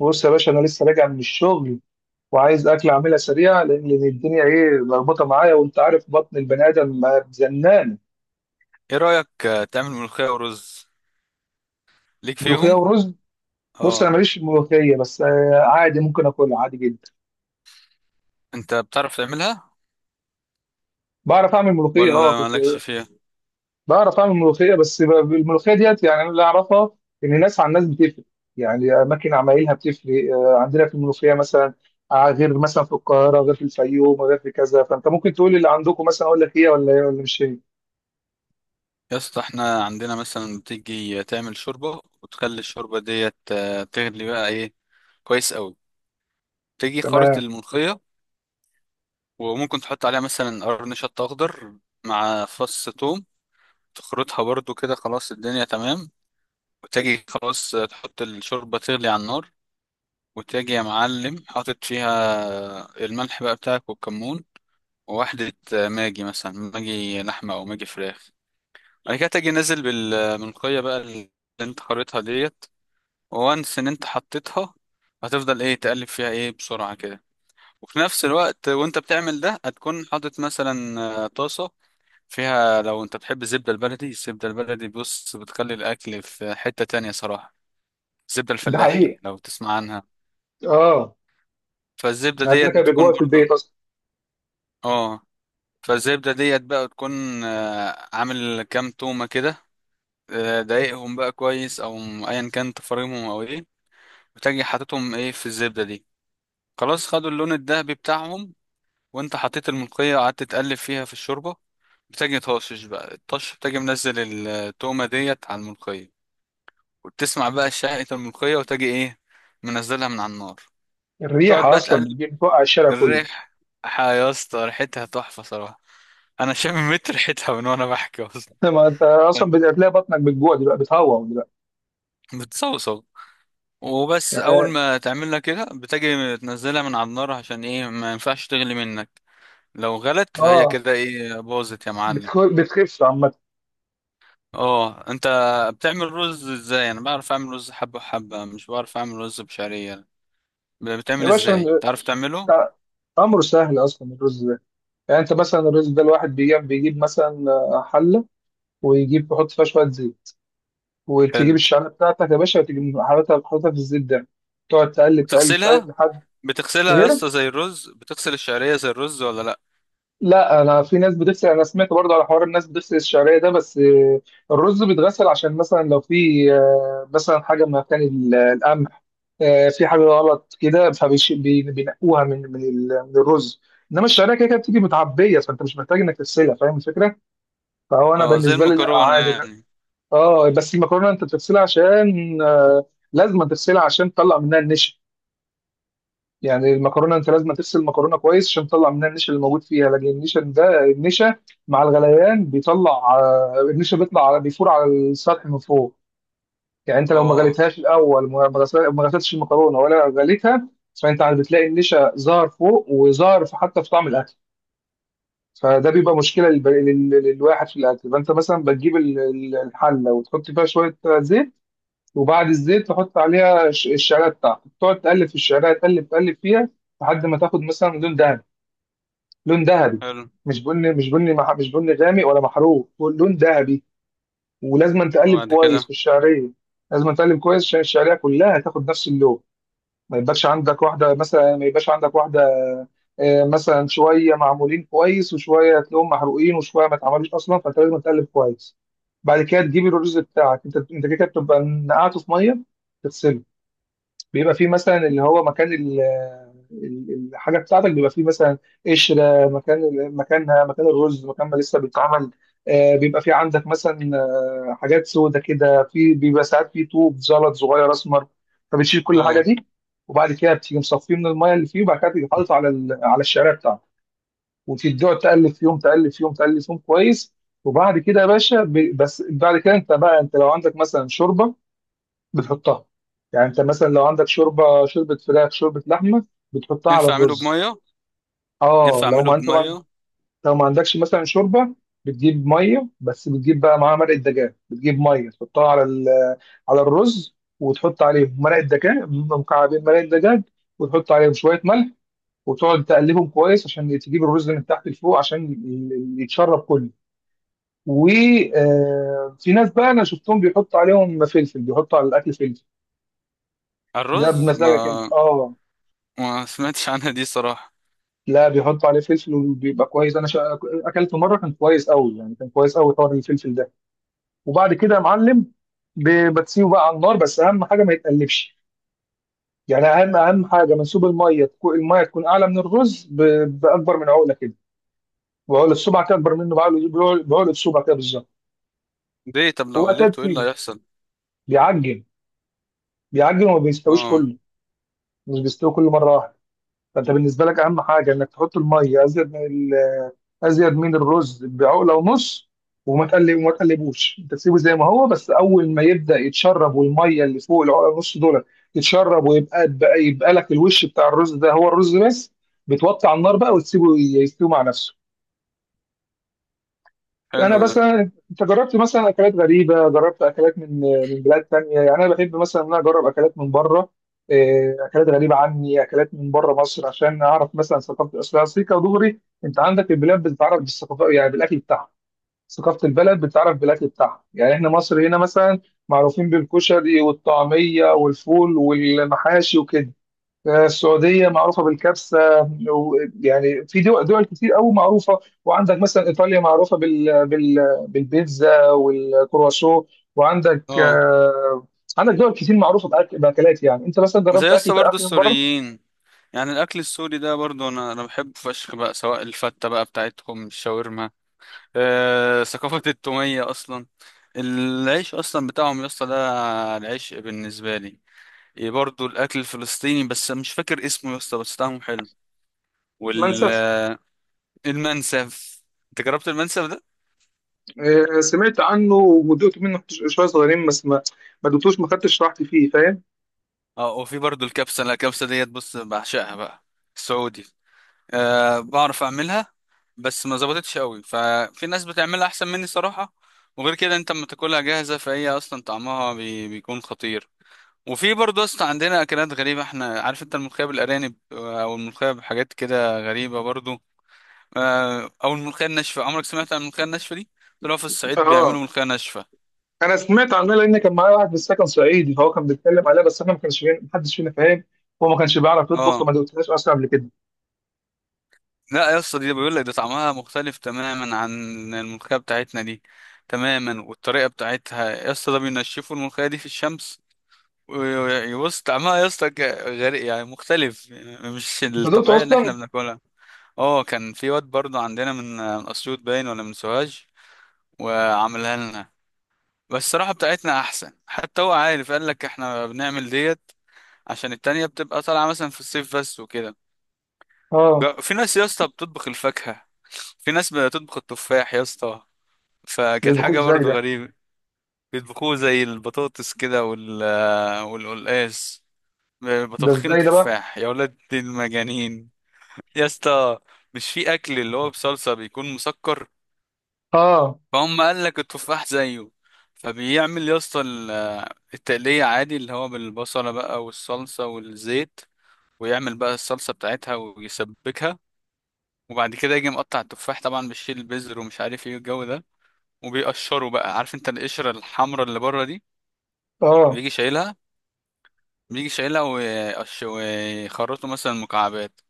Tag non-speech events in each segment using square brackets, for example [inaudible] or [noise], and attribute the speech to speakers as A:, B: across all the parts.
A: بص يا باشا، انا لسه راجع من الشغل وعايز اكل اعملها سريعه لأن الدنيا ايه ملخبطه معايا، وانت عارف بطن البني ادم ما زنان.
B: ايه رأيك، تعمل ملوخية ورز؟ ليك
A: ملوخيه
B: فيهم؟
A: ورز. بص انا
B: اه،
A: ماليش في الملوخيه، بس عادي، ممكن اكلها عادي جدا.
B: انت بتعرف تعملها
A: بعرف اعمل ملوخيه، اه
B: ولا
A: كنت
B: مالكش فيها؟
A: بعرف اعمل ملوخيه، بس الملوخيه ديت يعني انا اللي اعرفها ان الناس عن الناس بتفرق، يعني اماكن عمايلها بتفرق. عندنا في الملوخيه مثلا غير مثلا في القاهره، غير في الفيوم، غير في كذا. فانت ممكن تقول اللي عندكم مثلا، اقول لك ايه ولا ايه ولا مش ايه.
B: يا اسطى احنا عندنا مثلا بتيجي تعمل شوربة وتخلي الشوربة ديت تغلي بقى ايه، كويس قوي. تيجي خرط
A: تمام.
B: الملوخية، وممكن تحط عليها مثلا قرن شط اخضر مع فص ثوم، تخرطها برضو كده، خلاص الدنيا تمام. وتجي خلاص، تحط الشوربة تغلي على النار، وتجي يا معلم حاطط فيها الملح بقى بتاعك والكمون، واحدة ماجي، مثلا ماجي لحمة أو ماجي فراخ. بعد كده تجي نازل بالملقية بقى اللي أنت خريطها ديت، وانس إن أنت حطيتها، هتفضل إيه تقلب فيها إيه بسرعة كده. وفي نفس الوقت وأنت بتعمل ده، هتكون حاطط مثلا طاسة فيها، لو أنت بتحب الزبدة البلدي. الزبدة البلدي بص بتخلي الأكل في حتة تانية صراحة، الزبدة
A: ده
B: الفلاحي
A: حقيقي.
B: لو تسمع عنها.
A: اه.
B: فالزبدة
A: يعني عندنا
B: ديت
A: كان
B: بتكون
A: بيجوع في البيت
B: برضو.
A: اصلا.
B: اه. فالزبدة ديت بقى تكون عامل كام تومة كده، ضايقهم بقى كويس او ايا كان تفاريمهم او ايه، بتجي حاططهم ايه في الزبدة دي، خلاص خدوا اللون الذهبي بتاعهم. وانت حطيت الملقية وقعدت تقلب فيها في الشوربة، بتجي طاشش بقى الطش، بتجي منزل التومة ديت على الملقية، وتسمع بقى شهقة الملقية وتجي ايه منزلها من على النار. تقعد
A: الريحه
B: بقى
A: اصلا
B: تقلب
A: بتجيب بتوقع الشارع كله.
B: الريح، يا اسطى ريحتها تحفة صراحة، انا شامم متر ريحتها من وانا بحكي اصلا.
A: [laughs] ما انت اصلا بتلاقي بطنك بتجوع دلوقتي، بتهوى دلوقتي.
B: [laughs] بتصوصو. وبس اول
A: يعني
B: ما تعملها كده، بتجي تنزلها من على النار عشان ايه، ما ينفعش تغلي منك، لو غلت فهي
A: اه.
B: كده ايه، باظت يا معلم.
A: بتخف عامه.
B: اه. انت بتعمل رز ازاي؟ انا بعرف اعمل رز حبة حبة، مش بعرف اعمل رز بشعرية.
A: يا
B: بتعمل
A: باشا،
B: ازاي، تعرف تعمله؟
A: تع- امره سهل اصلا الرز ده. يعني انت مثلا الرز ده، الواحد بيجيب مثلا حله، ويجيب يحط فيها شويه زيت، وتجيب
B: حلو.
A: الشعريه بتاعتك يا باشا، وتجيب حاططها في الزيت ده. تقعد تقلب تقلب
B: بتغسلها
A: لحد
B: بتغسلها يا
A: هنا.
B: اسطى، زي الرز بتغسل الشعرية زي الرز ولا لا؟
A: لا، انا في ناس بتغسل، انا سمعت برضه على حوار الناس بتغسل الشعريه ده، بس الرز بيتغسل عشان مثلا لو في مثلا حاجه من مكان القمح، في حاجه غلط كده، فبينقوها من من الرز. انما الشعريه كده كده بتيجي متعبيه، فانت مش محتاج انك تغسلها، فاهم الفكره؟ فهو انا
B: اه، زي
A: بالنسبه لي لا،
B: المكرونة
A: عادي.
B: يعني.
A: اه، بس المكرونه انت بتغسلها عشان لازم تغسلها عشان تطلع منها النشا. يعني المكرونه انت لازم تغسل المكرونه كويس عشان تطلع منها النشا اللي موجود فيها، لكن النشا ده النشا مع الغليان بيطلع. النشا بيطلع بيفور على السطح من فوق. يعني انت لو ما
B: اه.
A: غليتهاش الاول، ما غسلتش المكرونه ولا غليتها، فانت عاد بتلاقي النشا ظهر فوق، وظهر حتى في طعم الاكل. فده بيبقى مشكله للواحد في الاكل. فانت مثلا بتجيب الحله، وتحط فيها شويه زيت، وبعد الزيت تحط عليها الشعريه بتاعتك، تقعد تقلب في الشعريه، تقلب فيها لحد ما تاخد مثلا لون دهبي، لون ذهبي.
B: حلو،
A: مش بني غامق ولا محروق، لون ذهبي. ولازم تقلب
B: وبعد
A: كويس في
B: كده؟
A: الشعريه. لازم تقلب كويس عشان الشعريه كلها تاخد نفس اللون، ما يبقاش عندك واحده مثلا، ما يبقاش عندك واحده مثلا شويه معمولين كويس، وشويه تلاقيهم محروقين، وشويه ما اتعملوش اصلا. فانت لازم تقلب كويس. بعد كده تجيب الرز بتاعك، انت كده بتبقى نقعته في ميه. بيبقى فيه مثلا اللي هو مكان الحاجه بتاعتك، بيبقى فيه مثلا قشره مكان مكان الرز، مكان ما لسه بيتعمل. بيبقى فيه عندك مثلا حاجات سودة كده، في بيبقى ساعات فيه طوب زلط صغير اسمر، فبتشيل كل الحاجه
B: اه.
A: دي. وبعد كده بتيجي مصفيه من الميه اللي فيه، وبعد كده تيجي حاطط على الشعريه بتاعته، وتقعد تقلب فيهم، تقلب فيهم كويس. وبعد كده يا باشا، بس بعد كده انت بقى، انت لو عندك مثلا شوربه بتحطها. يعني انت مثلا لو عندك شوربه، شوربه فراخ، شوربه لحمه، بتحطها على
B: ينفع اعمله
A: الرز.
B: بمية؟
A: اه،
B: ينفع
A: لو
B: اعمله
A: ما انت ما عن-
B: بمية؟
A: لو ما عندكش مثلا شوربه، بتجيب ميه بس، بتجيب بقى معاها مرقه دجاج، بتجيب ميه تحطها على الرز، وتحط عليهم مرقه دجاج، مكعبين مرقه دجاج، وتحط عليهم شويه ملح، وتقعد تقلبهم كويس عشان تجيب الرز من تحت لفوق عشان يتشرب كله. وفي ناس بقى انا شفتهم بيحطوا عليهم فلفل، بيحطوا على الاكل فلفل.
B: على
A: ده
B: الرز، ما.
A: بمزاجك انت، اه.
B: ما سمعتش عنها دي صراحة.
A: لا، بيحطوا عليه فلفل وبيبقى كويس، اكلته مره كان كويس قوي، يعني كان كويس قوي طار الفلفل ده. وبعد كده يا معلم، بتسيبه بقى على النار، بس اهم حاجه ما يتقلبش. يعني اهم حاجه منسوب الميه تكون، الميه تكون اعلى من الرز باكبر من عقله كده، وعقله صبع كده اكبر منه. بعقله بعقله بعقلة صبع كده بالظبط.
B: ليه؟ طب لو
A: وبعد كده
B: قلبته ايه اللي
A: تسيبه
B: هيحصل؟
A: بيعجن، بيعجن وما بيستويش
B: اه،
A: كله، مش بيستوي كله مره واحده. فانت بالنسبه لك اهم حاجه انك تحط الميه ازيد، ازيد من الرز بعقله ونص. وما تقلبوش، انت تسيبه زي ما هو، بس اول ما يبدا يتشرب والميه اللي فوق العقله ونص دول يتشرب، ويبقى يبقى لك الوش بتاع الرز ده هو الرز بس، بتوطي على النار بقى وتسيبه يستوي مع نفسه. انا
B: حلو ده.
A: مثلا، انت جربت مثلا اكلات غريبه؟ جربت اكلات من من بلاد تانية؟ يعني انا بحب مثلا ان انا اجرب اكلات من بره، إيه، اكلات غريبه عني، اكلات من بره مصر، عشان اعرف مثلا ثقافه اصلها سيكا ودغري. انت عندك البلاد بتتعرف بالثقافه، يعني بالاكل بتاعها. ثقافة البلد بتعرف بالأكل بتاعها. يعني إحنا مصر هنا مثلا معروفين بالكشري والطعمية والفول والمحاشي وكده. السعودية معروفة بالكبسة، يعني في دول كتير أوي معروفة. وعندك مثلا إيطاليا معروفة بال بالبيتزا والكرواسون. وعندك
B: اه.
A: عندك دول كتير معروفة بأكلات. يعني أنت مثلا
B: وزي
A: جربت
B: لسه برضو
A: أكل من بره؟
B: السوريين، يعني الاكل السوري ده برضو انا بحبه فشخ بقى، سواء الفتة بقى بتاعتهم، الشاورما، آه، ثقافة التومية اصلا، العيش اصلا بتاعهم يا اسطى ده، العيش بالنسبة لي. إيه، برضو الاكل الفلسطيني، بس مش فاكر اسمه يا اسطى بس طعمه حلو.
A: منسف.
B: والمنسف، انت جربت المنسف ده؟
A: سمعت عنه ودقت منه شوية صغيرين، بس ما خدتش راحتي فيه، فاهم؟
B: اه. وفي برضو الكبسة، لا الكبسة ديت بص بعشقها بقى، السعودي. أه، بعرف اعملها، بس ما ظبطتش قوي، ففي ناس بتعملها احسن مني صراحة. وغير كده انت لما تاكلها جاهزة فهي اصلا طعمها بيكون خطير. وفي برضه اصلا عندنا اكلات غريبة احنا، عارف انت الملوخية بالارانب، او الملوخية بحاجات كده غريبة برضه، او الملوخية الناشفة. عمرك سمعت عن الملوخية الناشفة دي؟ طلعوا في الصعيد بيعملوا
A: اه،
B: ملوخية ناشفة.
A: انا سمعت عنها، لان كان معايا واحد في السكن صعيدي فهو كان بيتكلم عليها، بس احنا ما كانش فينا، محدش فينا فاهم، هو ما كانش بيعرف يطبخ،
B: اه.
A: فما دقتهاش اصلا قبل كده.
B: لا يا اسطى، دي بيقول لك ده طعمها مختلف تماما عن الملوخية بتاعتنا دي تماما، والطريقة بتاعتها يا اسطى ده بينشفوا الملوخية دي في الشمس. يعني بص، طعمها يا اسطى غريب يعني، مختلف يعني، مش
A: انت دقته
B: الطبيعية اللي احنا
A: اصلا؟
B: بناكلها. اه، كان في واد برضو عندنا من اسيوط باين ولا من سوهاج وعملها لنا، بس الصراحة بتاعتنا احسن، حتى هو عارف، قال لك احنا بنعمل ديت عشان التانية بتبقى طالعة مثلا في الصيف بس وكده.
A: اه.
B: في ناس يا اسطى بتطبخ الفاكهة، في ناس بتطبخ التفاح يا اسطى،
A: ما
B: فكانت
A: بيطبخوش
B: حاجة
A: ازاي
B: برضو
A: ده؟
B: غريبة. بيطبخوه زي البطاطس كده والقلقاس.
A: ده
B: بطبخين
A: ازاي ده بقى؟
B: تفاح يا ولاد المجانين؟ يا اسطى، مش في اكل اللي هو بصلصه بيكون مسكر؟
A: اه.
B: فهم قال لك التفاح زيه، فبيعمل يا اسطى التقليه عادي، اللي هو بالبصله بقى والصلصه والزيت، ويعمل بقى الصلصه بتاعتها ويسبكها. وبعد كده يجي مقطع التفاح، طبعا بيشيل البذر ومش عارف ايه الجو ده، وبيقشره بقى، عارف انت القشره الحمراء اللي بره دي؟
A: اه.
B: بيجي شايلها بيجي شايلها ويخرطه مثلا مكعبات.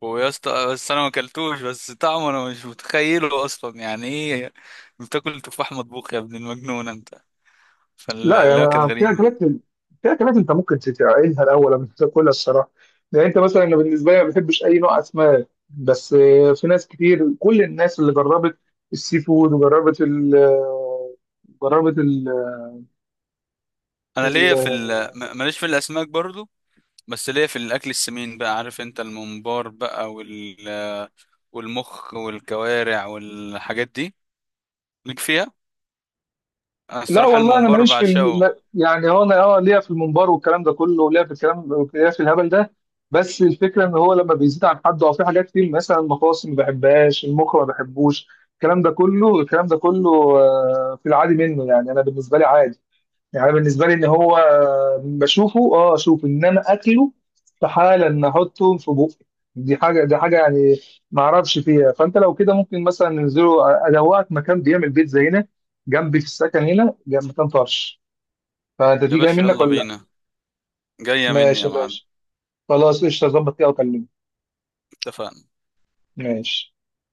B: ويا اسطى، بس انا ما اكلتوش، بس طعمه انا مش متخيله اصلا يعني ايه، بتاكل تفاح مطبوخ يا ابن المجنون انت؟
A: لا،
B: فلا، كانت
A: يعني في
B: غريبه.
A: اكلات، في اكلات انت ممكن تتعقلها الاول قبل ما تاكلها الصراحه. يعني انت مثلا، أنا بالنسبه لي ما بحبش اي نوع اسماك، بس في ناس كتير، كل الناس اللي جربت السي فود وجربت ال جربت.
B: انا ليا في ماليش في الاسماك برضو، بس ليا في الاكل السمين بقى، عارف انت الممبار بقى والمخ والكوارع والحاجات دي، ليك فيها؟ انا
A: لا
B: الصراحه
A: والله انا
B: الممبار
A: ماليش في ال...
B: بعشقه.
A: ما- يعني هو انا، اه، ليا في المنبر والكلام ده كله، وليا في الكلام، ليا في الهبل ده. بس الفكره ان هو لما بيزيد عن حد، او في حاجات كتير مثلا المخاصم ما بحبهاش، المخ ما بحبوش، الكلام ده كله في العادي منه يعني انا بالنسبه لي عادي. يعني أنا بالنسبه لي ان هو بشوفه، اه اشوفه، انما اكله استحاله ان احطه في بوقي. دي حاجه يعني ما اعرفش فيها. فانت لو كده ممكن مثلا ننزله، ادوقك مكان بيعمل بيتزا هنا جنبي في السكن، هنا جنب مكان طرش. فانت
B: يا
A: دي جاي
B: باشا
A: منك
B: يلا
A: ولا لا؟
B: بينا، جايه مني
A: ماشي
B: يا
A: يا
B: معلم.
A: باشا. خلاص، قشطه، ظبط كده وكلمني.
B: اتفقنا.
A: ماشي.